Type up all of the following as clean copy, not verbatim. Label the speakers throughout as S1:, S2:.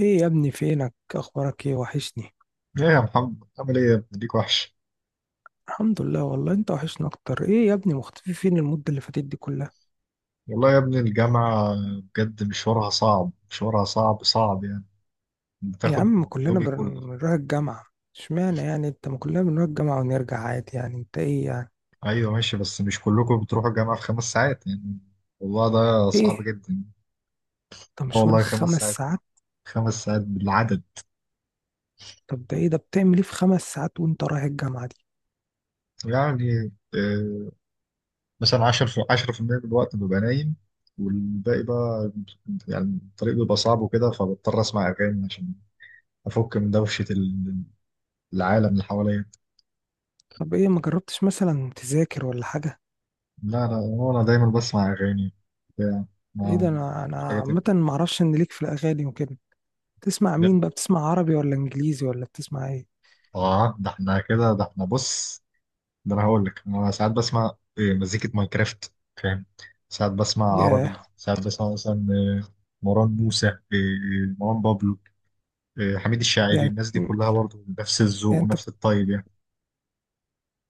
S1: ايه يا ابني؟ فينك؟ اخبارك ايه؟ وحشني.
S2: ايه يا محمد، عامل ايه يا ابني؟ ليك وحش.
S1: الحمد لله، والله انت وحشنا اكتر. ايه يا ابني مختفي فين المدة اللي فاتت دي كلها؟
S2: والله يا ابني الجامعة بجد مشوارها صعب، مشوارها صعب صعب يعني.
S1: يا عم، ما
S2: بتاخد
S1: كلنا
S2: يومي كله.
S1: بنروح الجامعة. اشمعنى يعني انت؟ ما كلنا بنروح الجامعة ونرجع عادي. يعني انت ايه يعني؟
S2: ايوه ماشي، بس مش كلكم بتروحوا الجامعة في 5 ساعات يعني. والله ده صعب
S1: ايه؟
S2: جدا.
S1: انت
S2: آه
S1: مشوارك
S2: والله خمس
S1: خمس
S2: ساعات
S1: ساعات
S2: 5 ساعات بالعدد.
S1: طب ده ايه ده؟ بتعمل ايه في 5 ساعات وانت رايح الجامعة دي؟
S2: يعني مثلا 10% من الوقت ببقى نايم، والباقي بقى يعني الطريق بيبقى صعب وكده، فبضطر اسمع اغاني عشان افك من دوشة العالم اللي حواليا.
S1: طب ايه؟ ما جربتش مثلا تذاكر ولا حاجة؟
S2: لا لا، هو أنا دايما بسمع أغاني بتاع،
S1: ايه
S2: ما
S1: ده؟ انا
S2: مش حاجة
S1: عامة
S2: تانية.
S1: ما اعرفش ان ليك في الاغاني وكده. تسمع
S2: ده-
S1: مين بقى؟ بتسمع عربي ولا انجليزي ولا بتسمع ايه؟
S2: ده احنا كده، ده احنا بص، ده أنا هقول لك. أنا ساعات بسمع إيه؟ مزيكة ماينكرافت، فاهم. ساعات بسمع عربي،
S1: ياه.
S2: ساعات بسمع مثلا مروان موسى، مروان بابلو، حميد الشاعري.
S1: يعني
S2: الناس دي
S1: يعني
S2: كلها برضه نفس الذوق
S1: انت.
S2: ونفس الطيب يعني.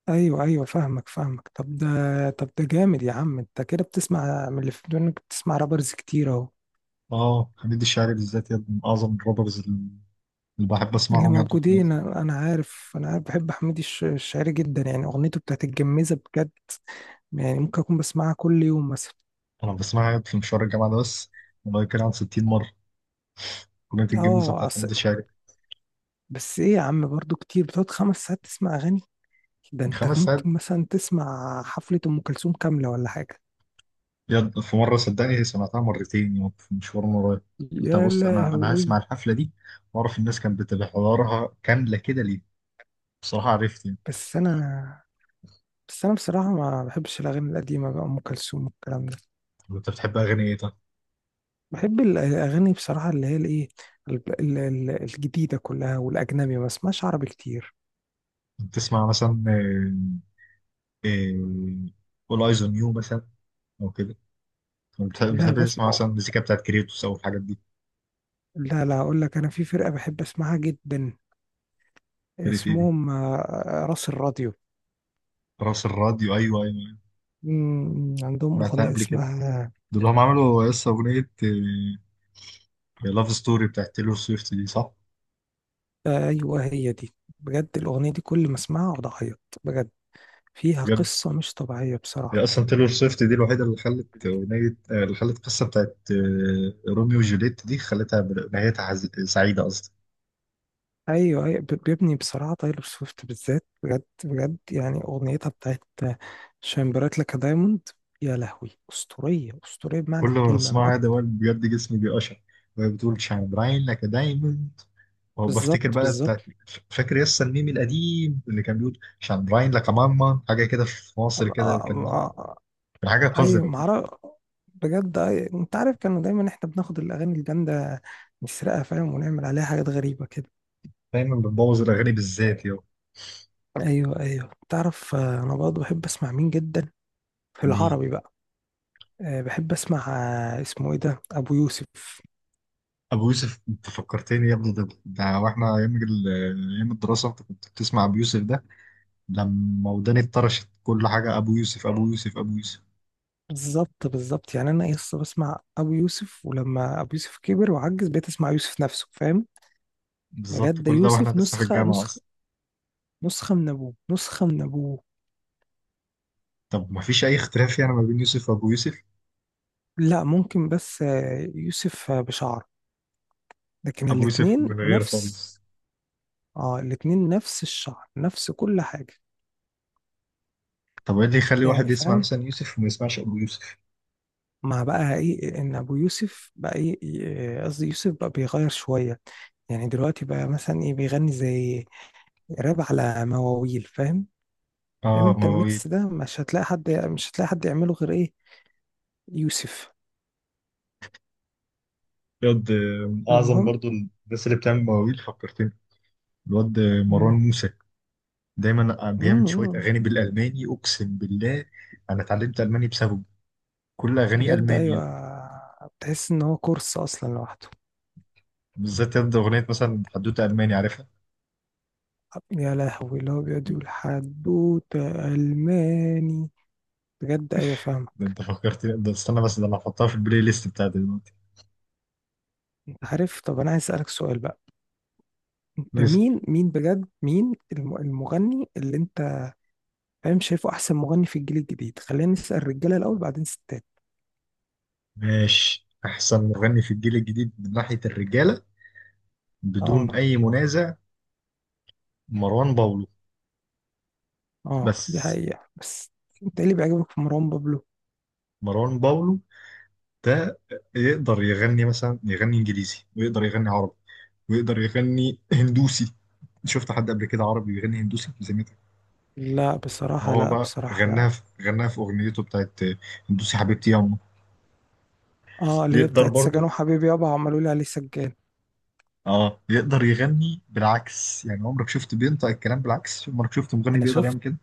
S1: ايوه، ايوه، فاهمك، فاهمك. طب ده. طب ده جامد يا عم. انت كده بتسمع من اللي في ودنك، بتسمع رابرز كتير اهو.
S2: آه حميد الشاعري بالذات يد من أعظم الرابرز اللي بحب
S1: اللي
S2: أسمعهم يعني.
S1: موجودين، انا عارف، انا عارف بحب حميد الشاعري جدا. يعني اغنيته بتاعت الجميزه بجد. يعني ممكن اكون بسمعها كل يوم مثلا.
S2: أنا بسمعها في مشوار الجامعة ده بس، والله كان عن 60 مرة أغنية الجميزة
S1: اه.
S2: بتاعت حميد الشاعري.
S1: بس ايه يا عم؟ برضو كتير بتقعد 5 ساعات تسمع اغاني؟ ده انت
S2: 5 ساعات.
S1: ممكن مثلا تسمع حفله ام كلثوم كامله ولا حاجه.
S2: في مرة صدقني سمعتها مرتين يوم، في مشوار مرة. انت
S1: يا
S2: بص، انا هسمع
S1: لهوي.
S2: الحفلة دي واعرف الناس كانت بتبقى حضورها كاملة كده ليه. بصراحة عرفت يعني.
S1: بس انا بس انا بصراحه ما بحبش الاغاني القديمه بقى، ام كلثوم والكلام ده.
S2: طب انت بتحب اغاني ايه طيب؟
S1: بحب الأغاني بصراحة اللي هي الإيه، الجديدة كلها. والأجنبي ما بسمعش عربي كتير.
S2: بتسمع مثلا اول ايز اون يو مثلا، او كده؟ طب بتحب
S1: لا،
S2: بتحب تسمع مثلا المزيكا بتاعت كريتوس او الحاجات دي؟
S1: لا، لا، أقول لك أنا في فرقة بحب أسمعها جدا.
S2: كريت ايه دي؟
S1: اسمهم راس الراديو.
S2: راس الراديو؟ ايوه ايوه أيوه.
S1: عندهم
S2: سمعتها
S1: أغنية
S2: قبل كده.
S1: اسمها.
S2: دول هم عملوا لسه اغنية لاف ستوري بتاعت تيلور سويفت دي صح؟
S1: أيوه هي دي. بجد الأغنية دي كل ما أسمعها أقعد أعيط بجد. فيها
S2: بجد.
S1: قصة مش طبيعية
S2: هي
S1: بصراحة.
S2: اصلا تايلور سويفت دي الوحيده اللي خلت اغنيه، اللي خلت القصه بتاعت روميو وجوليت دي خلتها نهايتها سعيده اصلا.
S1: ايوه، ايوه، بيبني بصراحه. تايلور سويفت بالذات بجد بجد. يعني اغنيتها بتاعت شاين برايت لك دايموند. يا لهوي، اسطوريه اسطوريه
S2: كل
S1: بمعنى
S2: ما
S1: الكلمه، من
S2: بسمعها ده
S1: اكتر.
S2: وأنا بجد جسمي بيقشعر وهي بتقول شاين براين لك دايموند، وبفتكر
S1: بالظبط،
S2: بقى
S1: بالظبط.
S2: بتاعت، فاكر يس الميم القديم اللي كان بيقول شاين براين لك ماما حاجه كده في مصر
S1: آه،
S2: كده. كان مين؟
S1: آه، آه.
S2: كان حاجه
S1: ايوه،
S2: قذره كده.
S1: معرف. بجد أيوة. انت عارف، كانوا دايما احنا بناخد الاغاني الجامده نسرقها، فاهم، ونعمل عليها حاجات غريبه كده.
S2: دايما بتبوظ الاغاني بالذات يا.
S1: ايوه، ايوه، تعرف. انا برضه بحب اسمع مين جدا، في
S2: مين.
S1: العربي بقى. بحب اسمع اسمه ايه ده؟ ابو يوسف.
S2: ابو يوسف انت فكرتني يا ابني، ده واحنا ايام ايام الدراسه، انت كنت بتسمع ابو يوسف ده. لما وداني اتطرشت كل حاجة أبو يوسف أبو يوسف أبو يوسف.
S1: بالظبط، بالظبط. يعني انا لسه بسمع ابو يوسف، ولما ابو يوسف كبر وعجز بقيت اسمع يوسف نفسه، فاهم.
S2: بالظبط
S1: بجد ده
S2: كل ده وإحنا
S1: يوسف
S2: لسه في
S1: نسخه
S2: الجامعة
S1: نسخه،
S2: أصلا.
S1: نسخه من ابوه، نسخه من ابوه.
S2: طب ما فيش أي اختلاف يعني ما بين يوسف وأبو يوسف.
S1: لا، ممكن، بس يوسف بشعر، لكن
S2: أبو يوسف
S1: الاتنين
S2: من غير خالص.
S1: نفس. اه، الاتنين نفس الشعر، نفس كل حاجه.
S2: طب إيه اللي يخلي
S1: يعني
S2: واحد يسمع
S1: فاهم؟
S2: مثلا يوسف وما يسمعش أبو يوسف؟
S1: مع بقى ايه ان ابو يوسف بقى ايه، إيه، قصدي يوسف بقى بيغير شويه. يعني دلوقتي بقى مثلا ايه؟ بيغني زي راب على مواويل، فاهم. فاهم
S2: آه
S1: انت
S2: مواويل.
S1: الميكس ده مش هتلاقي حد، مش هتلاقي حد يعمله غير ايه؟ يوسف.
S2: الواد من أعظم
S1: المهم.
S2: برضو الناس اللي بتعمل مواويل، فكرتني. الواد مروان
S1: مم.
S2: موسى دايما بيعمل شوية
S1: مم.
S2: أغاني بالألماني أقسم بالله. أنا اتعلمت ألماني بسببه، كل أغانيه
S1: بجد، ايوه.
S2: ألمانية.
S1: بتحس ان هو كورس اصلا لوحده.
S2: بالذات يد أغنية مثلا حدوتة ألماني عارفها.
S1: يا لهوي، اللي هو بيقعد يقول حدوته الماني. بجد، ايوه، فاهمه.
S2: ده انت فكرتني، ده استنى بس، ده انا هحطها في البلاي ليست بتاعتي دلوقتي.
S1: انت عارف؟ طب انا عايز اسالك سؤال بقى. انت
S2: بس
S1: مين بجد، مين المغني اللي انت فاهم، شايفه احسن مغني في الجيل الجديد؟ خلينا نسال الرجاله الاول، بعدين ستات.
S2: ماشي، احسن مغني في الجيل الجديد من ناحية الرجالة
S1: اه.
S2: بدون اي منازع مروان باولو.
S1: اه، دي
S2: بس.
S1: حقيقه بس. انت ايه اللي بيعجبك في مروان بابلو؟
S2: مروان باولو ده يقدر يغني مثلا، يغني انجليزي ويقدر يغني عربي ويقدر يغني هندوسي. شفت حد قبل كده عربي بيغني هندوسي زميلك؟
S1: لا بصراحة،
S2: هو
S1: لا
S2: بقى
S1: بصراحة،
S2: غناها
S1: لا.
S2: في غناها في اغنيته بتاعت هندوسي حبيبتي يا أمه.
S1: اه، اللي هي
S2: يقدر
S1: بتاعت
S2: برضه،
S1: سجن وحبيبي يابا عملوا لي عليه سجان.
S2: اه يقدر يغني بالعكس يعني. عمرك شفت بينطق الكلام بالعكس؟ عمرك شفت مغني
S1: انا
S2: بيقدر يعمل
S1: شفت.
S2: كده؟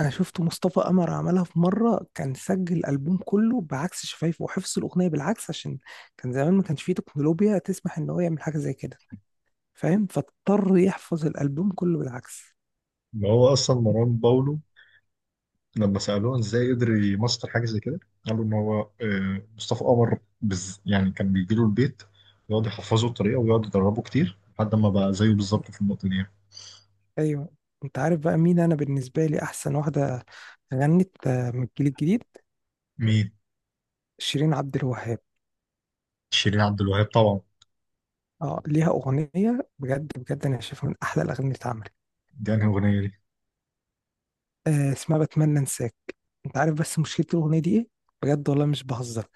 S1: انا شفت مصطفى قمر عملها في مرة، كان سجل الالبوم كله بعكس شفايفه وحفظ الاغنية بالعكس عشان كان زمان ما كانش فيه تكنولوجيا تسمح ان هو يعمل حاجة زي كده، فاهم، فاضطر يحفظ الالبوم كله بالعكس.
S2: ما هو اصلا مروان باولو لما سالوه ازاي قدر يمسطر حاجه زي كده، قالوا ان هو مصطفى قمر بز يعني، كان بيجي له البيت يقعد يحفظه الطريقه ويقعد يدربه كتير لحد ما بقى زيه بالظبط في النقطه دي.
S1: ايوه. انت عارف بقى مين انا بالنسبة لي احسن واحدة غنت من الجيل الجديد؟
S2: مين.
S1: شيرين عبد الوهاب.
S2: شيرين عبد الوهاب طبعا.
S1: اه، ليها اغنية بجد بجد انا شايفها من احلى الاغاني اللي اتعملت.
S2: دي انهي اغنيه دي؟
S1: اسمها بتمنى انساك. انت عارف بس مشكلة الأغنية دي ايه؟ بجد والله مش بهزر.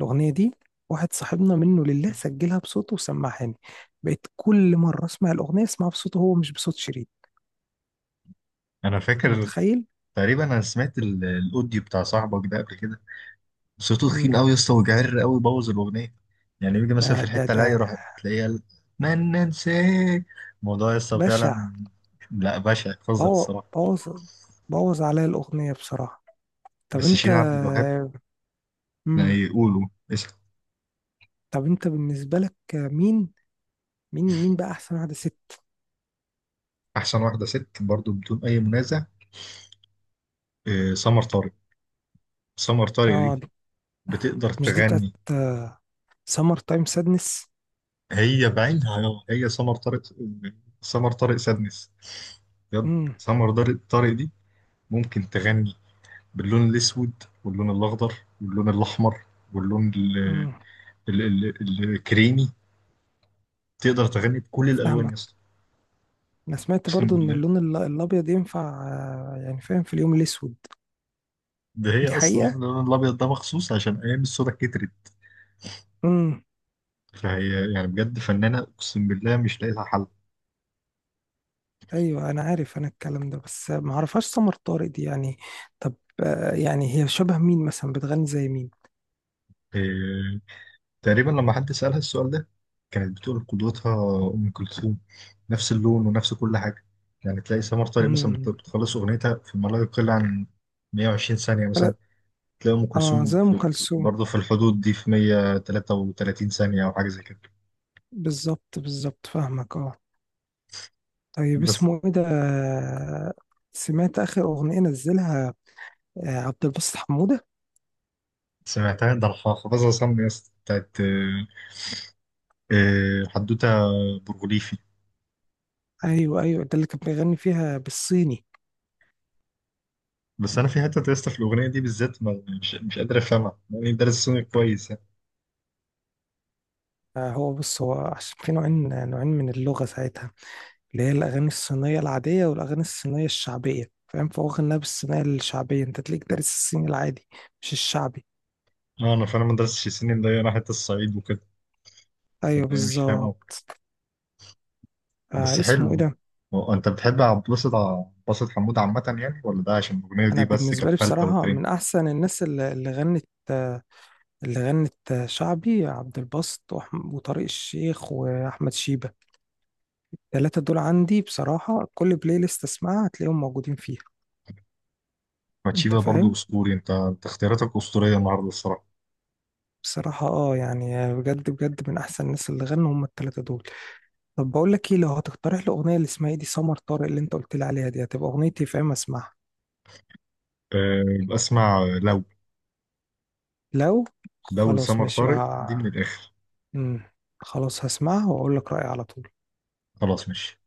S1: الأغنية دي، واحد صاحبنا منه لله سجلها بصوته وسمعهاني، بقيت كل مرة اسمع الأغنية اسمعها بصوته هو، مش بصوت شريط.
S2: انا
S1: انت
S2: فاكر،
S1: متخيل؟
S2: تقريبا انا سمعت الاوديو بتاع صاحبك ده قبل كده. صوته تخين
S1: مم.
S2: قوي يا اسطى وجعر قوي، بوظ الاغنيه. يعني يجي مثلا
S1: ده
S2: في
S1: ده
S2: الحته اللي
S1: ده
S2: هي يروح تلاقيها، قال، من ننساه. الموضوع يا اسطى
S1: بشع.
S2: فعلا. لا بشع، قذر
S1: بوظ.
S2: الصراحه.
S1: بوظ. بوظ عليا الأغنية بصراحة. طب
S2: بس
S1: انت.
S2: شيرين عبد الوهاب يعني
S1: مم.
S2: يقولوا اسم.
S1: طب انت بالنسبة لك مين؟ مين بقى أحسن واحدة ست؟
S2: احسن واحده ست برضو بدون اي منازع سمر طارق. سمر طارق
S1: اه،
S2: دي بتقدر
S1: مش دي بتاعت
S2: تغني.
S1: سمر تايم سادنس؟
S2: هي بعينها، هي سمر طارق، سمر طارق سادنس. بجد. سمر طارق دي ممكن تغني باللون الاسود واللون الاخضر واللون الاحمر واللون ال ال الكريمي. تقدر تغني بكل الالوان يا
S1: فاهمك.
S2: اسطى.
S1: انا سمعت
S2: اقسم
S1: برضو ان
S2: بالله.
S1: اللون الابيض ينفع يعني فاهم في اليوم الاسود.
S2: ده هي
S1: دي
S2: اصلا
S1: حقيقة.
S2: عامله اللون الابيض ده مخصوص عشان ايام الصودا كترت.
S1: امم.
S2: فهي يعني بجد فنانه، اقسم بالله مش لاقي لها حل.
S1: ايوه انا عارف انا الكلام ده، بس ما اعرفهاش سمر طارق دي يعني. طب يعني هي شبه مين مثلا؟ بتغني زي مين؟
S2: إيه. تقريبا لما حد سالها السؤال ده كانت بتقول قدوتها ام كلثوم، نفس اللون ونفس كل حاجه. يعني تلاقي سمر طارق مثلا
S1: امم.
S2: بتخلص اغنيتها في ما لا يقل عن 120 ثانيه مثلا،
S1: لا.
S2: تلاقي ام
S1: اه،
S2: كلثوم
S1: زي ام
S2: في
S1: كلثوم.
S2: برضه في الحدود دي في 133 ثانيه او حاجه زي كده.
S1: بالظبط، بالظبط، فاهمك، اه. طيب
S2: بس
S1: اسمه ايه ده سمعت اخر اغنية نزلها عبد الباسط حمودة؟
S2: سمعتها، ده الحاخة بس أصمم يا اسطى بتاعت حدوتة برغوليفي.
S1: ايوه، ايوه، ده اللي كان بيغني فيها بالصيني.
S2: بس أنا في حتة يا اسطى في الأغنية دي بالذات، مش قادر أفهمها يعني، دارس سوني كويس يعني.
S1: هو بص، هو عشان في نوعين نوعين من اللغة ساعتها، اللي هي الأغاني الصينية العادية والأغاني الصينية الشعبية، فاهم، فهو غناها بالصينية الشعبية. أنت تلاقيك دارس الصيني العادي، مش الشعبي.
S2: أه أنا فعلا ما درستش سنين، ده أنا حتة الصعيد وكده.
S1: أيوه
S2: طب أنا مش فاهم أوي.
S1: بالظبط.
S2: بس
S1: اسمه
S2: حلو.
S1: إيه ده؟
S2: هو أنت بتحب عبد الباسط حمود عامة يعني ولا ده عشان الأغنية دي
S1: أنا
S2: بس
S1: بالنسبة
S2: كانت
S1: لي
S2: فلتة
S1: بصراحة
S2: وترند؟
S1: من أحسن الناس اللي غنت اللي غنت شعبي، عبد الباسط وطارق الشيخ وأحمد شيبة. التلاتة دول عندي بصراحة، كل بلاي ليست أسمعها هتلاقيهم موجودين فيها. أنت
S2: ماتشيفا برضه
S1: فاهم؟
S2: أسطوري. أنت اختياراتك أسطورية النهاردة الصراحة.
S1: بصراحة اه، يعني بجد بجد من أحسن الناس اللي غنوا هم التلاتة دول. طب بقول لك ايه؟ لو هتقترح لي اغنيه لاسماعيلي سمر طارق اللي انت قلت لي عليها دي، هتبقى اغنيتي في اما اسمعها.
S2: أه بسمع لو،
S1: لو، خلاص
S2: لسمر
S1: ماشي
S2: طارق دي
S1: بقى.
S2: من الآخر.
S1: امم. خلاص هسمعها واقول لك رايي على طول.
S2: خلاص ماشي